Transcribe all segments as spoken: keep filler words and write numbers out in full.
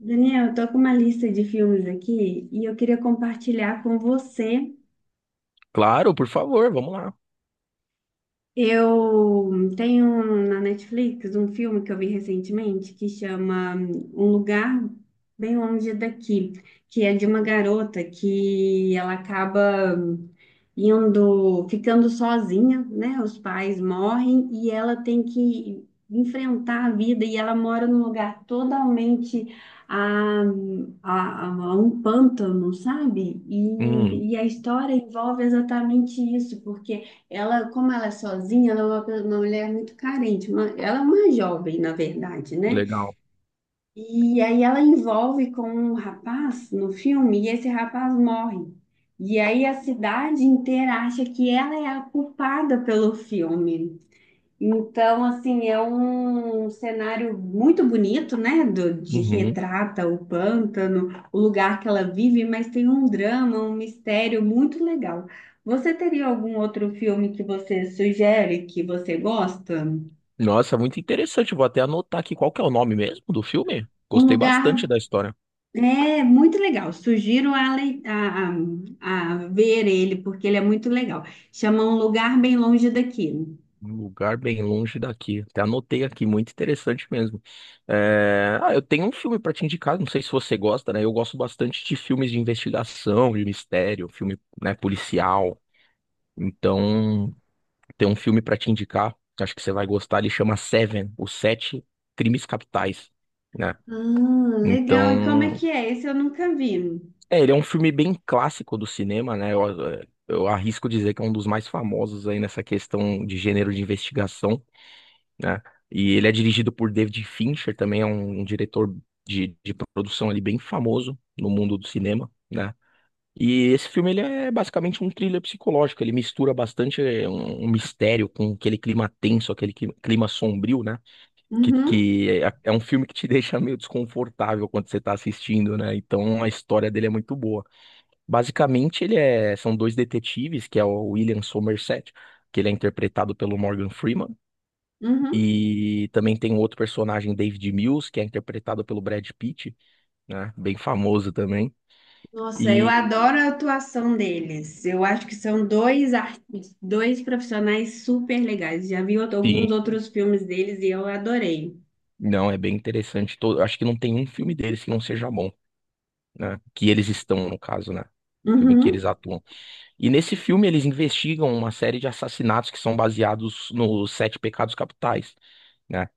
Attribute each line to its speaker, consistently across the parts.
Speaker 1: Daniel, eu tô com uma lista de filmes aqui e eu queria compartilhar com você.
Speaker 2: Claro, por favor, vamos lá.
Speaker 1: Eu tenho na Netflix um filme que eu vi recentemente que chama Um Lugar Bem Longe Daqui, que é de uma garota que ela acaba indo, ficando sozinha, né? Os pais morrem e ela tem que enfrentar a vida e ela mora num lugar totalmente a, a, a um pântano, sabe?
Speaker 2: Hum,
Speaker 1: E, e a história envolve exatamente isso, porque ela, como ela é sozinha, ela é uma, pe- uma mulher muito carente. Uma- ela é uma jovem, na verdade, né?
Speaker 2: legal.
Speaker 1: E aí ela envolve com um rapaz no filme e esse rapaz morre. E aí a cidade inteira acha que ela é a culpada pelo filme. Então, assim, é um cenário muito bonito, né? Do, de
Speaker 2: Uhum.
Speaker 1: retrata o pântano, o lugar que ela vive, mas tem um drama, um mistério muito legal. Você teria algum outro filme que você sugere que você gosta?
Speaker 2: Nossa, muito interessante. Vou até anotar aqui qual que é o nome mesmo do filme.
Speaker 1: Um
Speaker 2: Gostei bastante
Speaker 1: lugar
Speaker 2: da história.
Speaker 1: é muito legal. Sugiro a, lei- a, a, a ver ele, porque ele é muito legal. Chama Um Lugar Bem Longe Daqui.
Speaker 2: Um lugar bem longe daqui. Até anotei aqui, muito interessante mesmo. É, Ah, eu tenho um filme para te indicar, não sei se você gosta, né? Eu gosto bastante de filmes de investigação, de mistério, filme, né, policial. Então, tem um filme para te indicar, acho que você vai gostar. Ele chama Seven, Os Sete Crimes Capitais, né?
Speaker 1: Ah, legal. E como é
Speaker 2: Então,
Speaker 1: que é? Esse eu nunca vi.
Speaker 2: É, ele é um filme bem clássico do cinema, né? Eu, é, eu arrisco dizer que é um dos mais famosos aí nessa questão de gênero de investigação, né? E ele é dirigido por David Fincher, também é um, um diretor de, de produção ali bem famoso no mundo do cinema, né? E esse filme ele é basicamente um thriller psicológico, ele mistura bastante é, um, um mistério com aquele clima tenso, aquele cli- clima sombrio, né? Que,
Speaker 1: Uhum,
Speaker 2: que é, é um filme que te deixa meio desconfortável quando você tá assistindo, né? Então a história dele é muito boa. Basicamente, ele é, são dois detetives, que é o William Somerset, que ele é interpretado pelo Morgan Freeman,
Speaker 1: uhum.
Speaker 2: e também tem um outro personagem, David Mills, que é interpretado pelo Brad Pitt, né? Bem famoso também.
Speaker 1: Nossa, eu
Speaker 2: E
Speaker 1: adoro a atuação deles. Eu acho que são dois artistas, dois profissionais super legais. Já vi outro- alguns
Speaker 2: sim,
Speaker 1: outros filmes deles e eu adorei.
Speaker 2: não, é bem interessante. Todo, acho que não tem um filme deles que não seja bom, né? Que eles estão, no caso, né? Filme que eles
Speaker 1: Uhum,
Speaker 2: atuam. E nesse filme eles investigam uma série de assassinatos que são baseados nos Sete Pecados Capitais, né?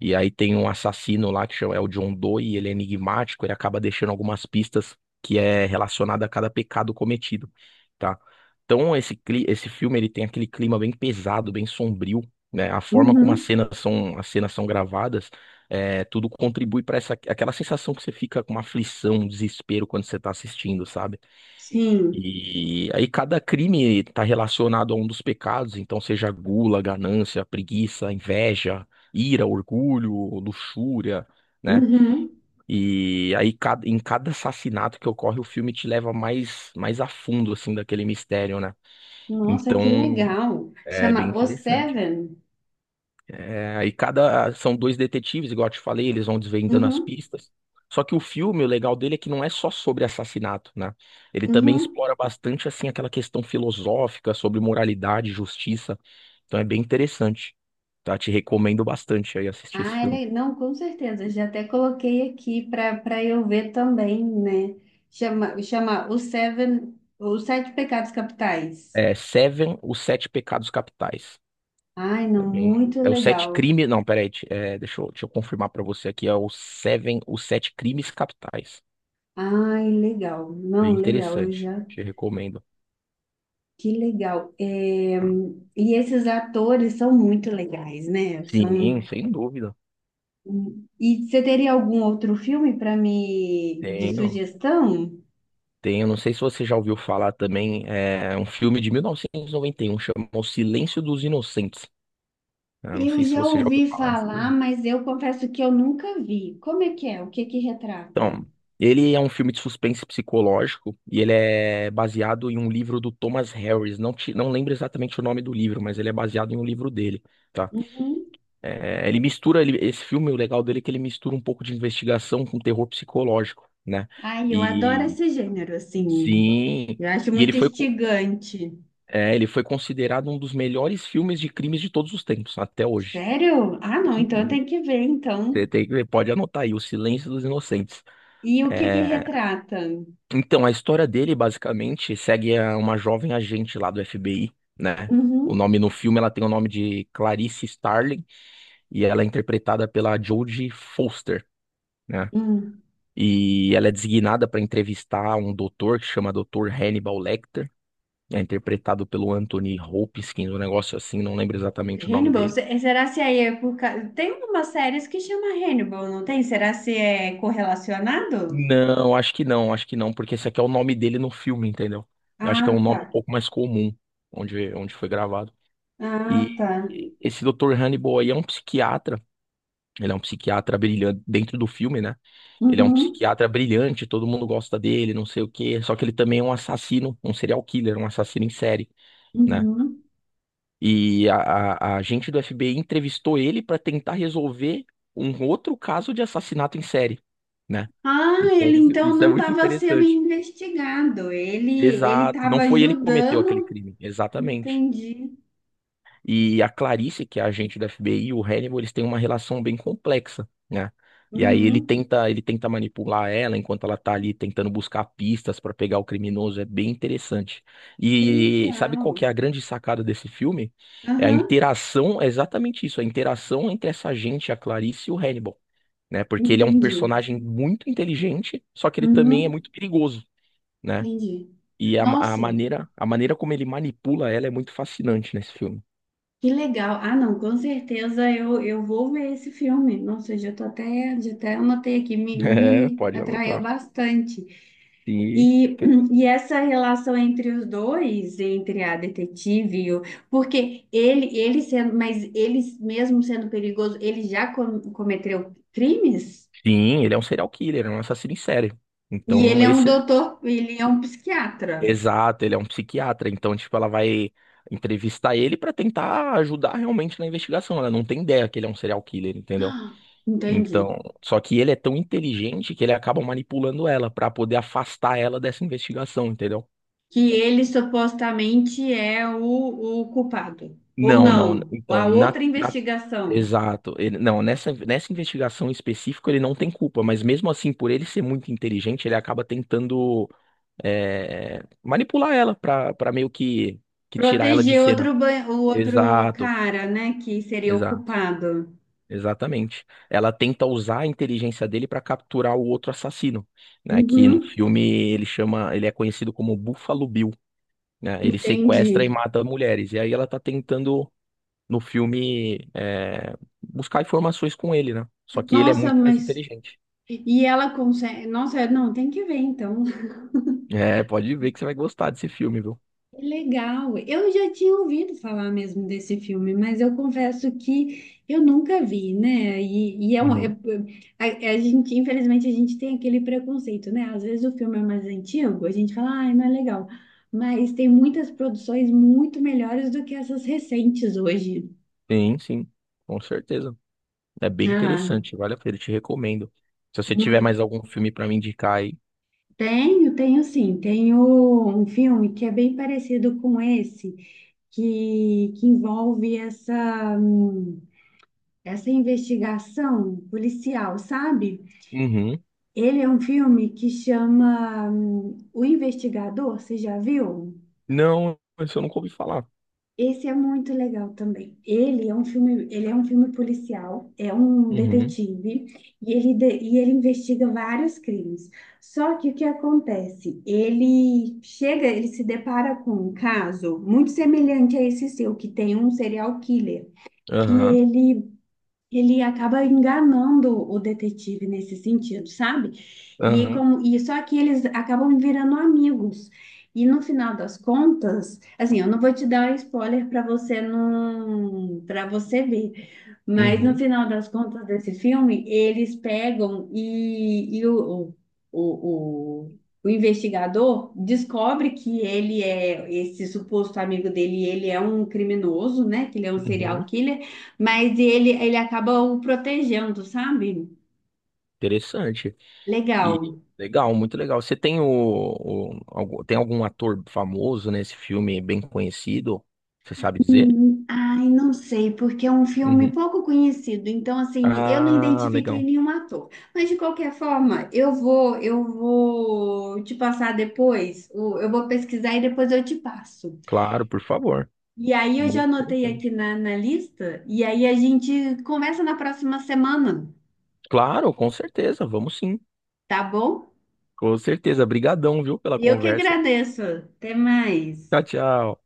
Speaker 2: E aí tem um assassino lá que chama, é o John Doe, e ele é enigmático, ele acaba deixando algumas pistas que é relacionada a cada pecado cometido, tá? Então esse, cli- esse filme ele tem aquele clima bem pesado, bem sombrio, né? A forma como as
Speaker 1: uhum,
Speaker 2: cenas são, as cenas são gravadas, é, tudo contribui para essa aquela sensação que você fica com uma aflição, um desespero quando você tá assistindo, sabe?
Speaker 1: sim,
Speaker 2: E aí cada crime está relacionado a um dos pecados, então seja gula, ganância, preguiça, inveja, ira, orgulho, luxúria, né?
Speaker 1: uhum.
Speaker 2: E aí ca- em cada assassinato que ocorre, o filme te leva mais mais a fundo assim daquele mistério, né?
Speaker 1: Nossa, que
Speaker 2: Então,
Speaker 1: legal.
Speaker 2: é bem
Speaker 1: Chama O
Speaker 2: interessante.
Speaker 1: Seven.
Speaker 2: É, aí cada. São dois detetives, igual eu te falei, eles vão desvendando as
Speaker 1: Uhum,
Speaker 2: pistas. Só que o filme, o legal dele é que não é só sobre assassinato, né? Ele também
Speaker 1: uhum.
Speaker 2: explora bastante, assim, aquela questão filosófica sobre moralidade, justiça. Então é bem interessante, tá? Te recomendo bastante aí assistir esse
Speaker 1: Ah,
Speaker 2: filme.
Speaker 1: ele, não, com certeza. Já até coloquei aqui para para eu ver também, né? Chama, chama O Seven, Os Sete Pecados Capitais.
Speaker 2: É Seven, Os Sete Pecados Capitais.
Speaker 1: Ai,
Speaker 2: É
Speaker 1: não,
Speaker 2: bem.
Speaker 1: muito
Speaker 2: É os sete
Speaker 1: legal.
Speaker 2: crimes. Não, peraí. te- É, deixa eu, deixa eu confirmar pra você aqui. É o Seven, Os Sete Crimes Capitais.
Speaker 1: Ai, legal.
Speaker 2: Bem
Speaker 1: Não, legal, eu
Speaker 2: interessante.
Speaker 1: já.
Speaker 2: Te recomendo,
Speaker 1: Que legal. É.
Speaker 2: tá?
Speaker 1: E esses atores são muito legais, né?
Speaker 2: Sim,
Speaker 1: São.
Speaker 2: sem dúvida.
Speaker 1: E você teria algum outro filme para me de
Speaker 2: Tenho,
Speaker 1: sugestão?
Speaker 2: tenho. Não sei se você já ouviu falar também, é um filme de mil novecentos e e noventa e um chama O Silêncio dos Inocentes, né? Não
Speaker 1: Eu
Speaker 2: sei se
Speaker 1: já
Speaker 2: você já ouviu
Speaker 1: ouvi
Speaker 2: falar desse
Speaker 1: falar,
Speaker 2: filme.
Speaker 1: mas eu confesso que eu nunca vi. Como é que é? O que que retrata?
Speaker 2: Então, ele é um filme de suspense psicológico e ele é baseado em um livro do Thomas Harris. Não, te, não lembro exatamente o nome do livro, mas ele é baseado em um livro dele, tá?
Speaker 1: Uhum.
Speaker 2: É, ele mistura, ele- esse filme, o legal dele é que ele mistura um pouco de investigação com terror psicológico, né?
Speaker 1: Ai, eu adoro
Speaker 2: E
Speaker 1: esse gênero, assim.
Speaker 2: sim.
Speaker 1: Eu acho
Speaker 2: E ele
Speaker 1: muito
Speaker 2: foi.
Speaker 1: instigante.
Speaker 2: É, ele foi considerado um dos melhores filmes de crimes de todos os tempos, até hoje.
Speaker 1: Sério? Ah, não, então eu
Speaker 2: Sim.
Speaker 1: tenho que ver,
Speaker 2: Você
Speaker 1: então.
Speaker 2: tem, você pode anotar aí, O Silêncio dos Inocentes.
Speaker 1: E o que que
Speaker 2: É,
Speaker 1: retrata?
Speaker 2: então, a história dele, basicamente, segue a uma jovem agente lá do F B I, né? O
Speaker 1: Uhum.
Speaker 2: nome no filme, ela tem o nome de Clarice Starling e ela é interpretada pela Jodie Foster, né?
Speaker 1: Hum,
Speaker 2: E ela é designada para entrevistar um doutor que chama Doutor Hannibal Lecter, é interpretado pelo Anthony Hopkins, um negócio assim, não lembro exatamente o nome
Speaker 1: Hannibal,
Speaker 2: dele.
Speaker 1: se- será se aí é por causa... Tem umas séries que chama Hannibal, não tem? Será se é correlacionado?
Speaker 2: Não, acho que não, acho que não, porque esse aqui é o nome dele no filme, entendeu? Eu acho que é um
Speaker 1: Ah, tá.
Speaker 2: nome um pouco mais comum onde, onde foi gravado.
Speaker 1: Ah,
Speaker 2: E
Speaker 1: tá.
Speaker 2: e esse doutor Hannibal aí é um psiquiatra, ele é um psiquiatra brilhante dentro do filme, né? Ele é um
Speaker 1: Uhum,
Speaker 2: psiquiatra brilhante, todo mundo gosta dele, não sei o quê, só que ele também é um assassino, um serial killer, um assassino em série, né?
Speaker 1: uhum.
Speaker 2: E a, a, a gente do F B I entrevistou ele para tentar resolver um outro caso de assassinato em série, né?
Speaker 1: Ah,
Speaker 2: Então,
Speaker 1: ele
Speaker 2: isso,
Speaker 1: então
Speaker 2: isso é
Speaker 1: não
Speaker 2: muito
Speaker 1: estava sendo
Speaker 2: interessante.
Speaker 1: investigado. Ele ele
Speaker 2: Exato, não
Speaker 1: estava
Speaker 2: foi ele que cometeu aquele
Speaker 1: ajudando.
Speaker 2: crime, exatamente.
Speaker 1: Entendi.
Speaker 2: E a Clarice, que é a agente da F B I, e o Hannibal, eles têm uma relação bem complexa, né? E aí ele
Speaker 1: Uhum.
Speaker 2: tenta, ele tenta manipular ela enquanto ela tá ali tentando buscar pistas para pegar o criminoso, é bem interessante.
Speaker 1: Que
Speaker 2: E sabe
Speaker 1: legal.
Speaker 2: qual que é a grande sacada desse filme? É a
Speaker 1: Aham,
Speaker 2: interação, é exatamente isso, a interação entre essa agente, a Clarice e o Hannibal, né? Porque ele é um
Speaker 1: entendi.
Speaker 2: personagem muito inteligente, só que ele também é
Speaker 1: Uhum,
Speaker 2: muito perigoso, né?
Speaker 1: entendi.
Speaker 2: E a, a
Speaker 1: Nossa,
Speaker 2: maneira, a maneira como ele manipula ela é muito fascinante nesse filme.
Speaker 1: que legal. Ah, não, com certeza eu, eu vou ver esse filme. Nossa, eu já tô até, já até anotei aqui, me,
Speaker 2: É,
Speaker 1: me
Speaker 2: pode
Speaker 1: atraiu
Speaker 2: anotar.
Speaker 1: bastante.
Speaker 2: Sim,
Speaker 1: E, e essa relação entre os dois, entre a detetive e o... Porque ele, ele sendo, mas ele mesmo sendo perigoso, ele já com- cometeu crimes?
Speaker 2: sim, ele é um serial killer, é um assassino em série.
Speaker 1: E ele
Speaker 2: Então,
Speaker 1: é um
Speaker 2: esse,
Speaker 1: doutor, ele é um psiquiatra.
Speaker 2: exato, ele é um psiquiatra. Então, tipo, ela vai entrevistar ele pra tentar ajudar realmente na investigação. Ela não tem ideia que ele é um serial killer, entendeu? Então,
Speaker 1: Entendi.
Speaker 2: só que ele é tão inteligente que ele acaba manipulando ela pra poder afastar ela dessa investigação, entendeu?
Speaker 1: Que ele supostamente é o, o culpado, ou
Speaker 2: Não, não.
Speaker 1: não, a
Speaker 2: Então, na,
Speaker 1: outra
Speaker 2: na
Speaker 1: investigação.
Speaker 2: Exato. Ele, não, nessa, nessa investigação específica ele não tem culpa, mas mesmo assim, por ele ser muito inteligente, ele acaba tentando é, manipular ela pra, pra meio que, que tirar ela de
Speaker 1: Proteger
Speaker 2: cena.
Speaker 1: outro, ba- o outro
Speaker 2: Exato,
Speaker 1: cara, né, que seria o
Speaker 2: exato,
Speaker 1: culpado.
Speaker 2: exatamente. Ela tenta usar a inteligência dele pra capturar o outro assassino, né? Que no
Speaker 1: Uhum,
Speaker 2: filme ele chama, ele é conhecido como Buffalo Bill, né? Ele sequestra e
Speaker 1: entendi.
Speaker 2: mata mulheres. E aí ela tá tentando no filme é, buscar informações com ele, né? Só que ele é
Speaker 1: Nossa,
Speaker 2: muito mais
Speaker 1: mas.
Speaker 2: inteligente.
Speaker 1: E ela consegue. Nossa, não, tem que ver então.
Speaker 2: É, pode ver que você vai gostar desse filme, viu?
Speaker 1: Que legal. Eu já tinha ouvido falar mesmo desse filme, mas eu confesso que eu nunca vi, né? E, e é, um- é-
Speaker 2: Uhum.
Speaker 1: é- a, a gente, infelizmente, a gente tem aquele preconceito, né? Às vezes o filme é mais antigo, a gente fala, ai, não é legal. Mas tem muitas produções muito melhores do que essas recentes hoje.
Speaker 2: Sim, sim, com certeza. É bem
Speaker 1: Ah,
Speaker 2: interessante, vale a pena, eu te recomendo. Se você tiver
Speaker 1: muito.
Speaker 2: mais algum filme pra me indicar aí.
Speaker 1: Tenho, tenho sim. Tenho um filme que é bem parecido com esse, que, que envolve essa. Hum, essa investigação policial, sabe?
Speaker 2: Uhum.
Speaker 1: Ele é um filme que chama hum, O Investigador, você já viu?
Speaker 2: Não, isso eu nunca ouvi falar.
Speaker 1: Esse é muito legal também. Ele é um filme, ele é um filme policial, é um
Speaker 2: Uhum.
Speaker 1: detetive e ele, de- e ele investiga vários crimes. Só que o que acontece? Ele chega, ele se depara com um caso muito semelhante a esse seu, que tem um serial killer, que
Speaker 2: Aham.
Speaker 1: ele ele acaba enganando o detetive nesse sentido, sabe? E, aí
Speaker 2: Aham.
Speaker 1: como, e só que eles acabam virando amigos. E no final das contas, assim, eu não vou te dar spoiler para você não, para você ver, mas no
Speaker 2: Uhum.
Speaker 1: final das contas desse filme, eles pegam e, e o, o, o, o o investigador descobre que ele é esse suposto amigo dele, ele é um criminoso, né? Que ele é um serial
Speaker 2: Uhum.
Speaker 1: killer. Mas ele, ele acaba o protegendo, sabe?
Speaker 2: Interessante. E
Speaker 1: Legal.
Speaker 2: legal, muito legal. Você tem o, o- algum, tem algum ator famoso nesse filme bem conhecido? Você sabe dizer?
Speaker 1: Ai, não sei, porque é um filme
Speaker 2: Uhum.
Speaker 1: pouco conhecido, então assim, eu não
Speaker 2: Ah,
Speaker 1: identifiquei
Speaker 2: legal.
Speaker 1: nenhum ator. Mas de qualquer forma, eu vou, eu vou te passar depois, o- eu vou pesquisar e depois eu te passo.
Speaker 2: Claro, por favor.
Speaker 1: E aí eu já
Speaker 2: Muito
Speaker 1: anotei
Speaker 2: interessante.
Speaker 1: aqui na, na lista, e aí a gente conversa na próxima semana,
Speaker 2: Claro, com certeza. Vamos sim.
Speaker 1: tá bom?
Speaker 2: Com certeza. Brigadão, viu, pela
Speaker 1: E eu que
Speaker 2: conversa.
Speaker 1: agradeço. Até mais.
Speaker 2: Tchau, tchau.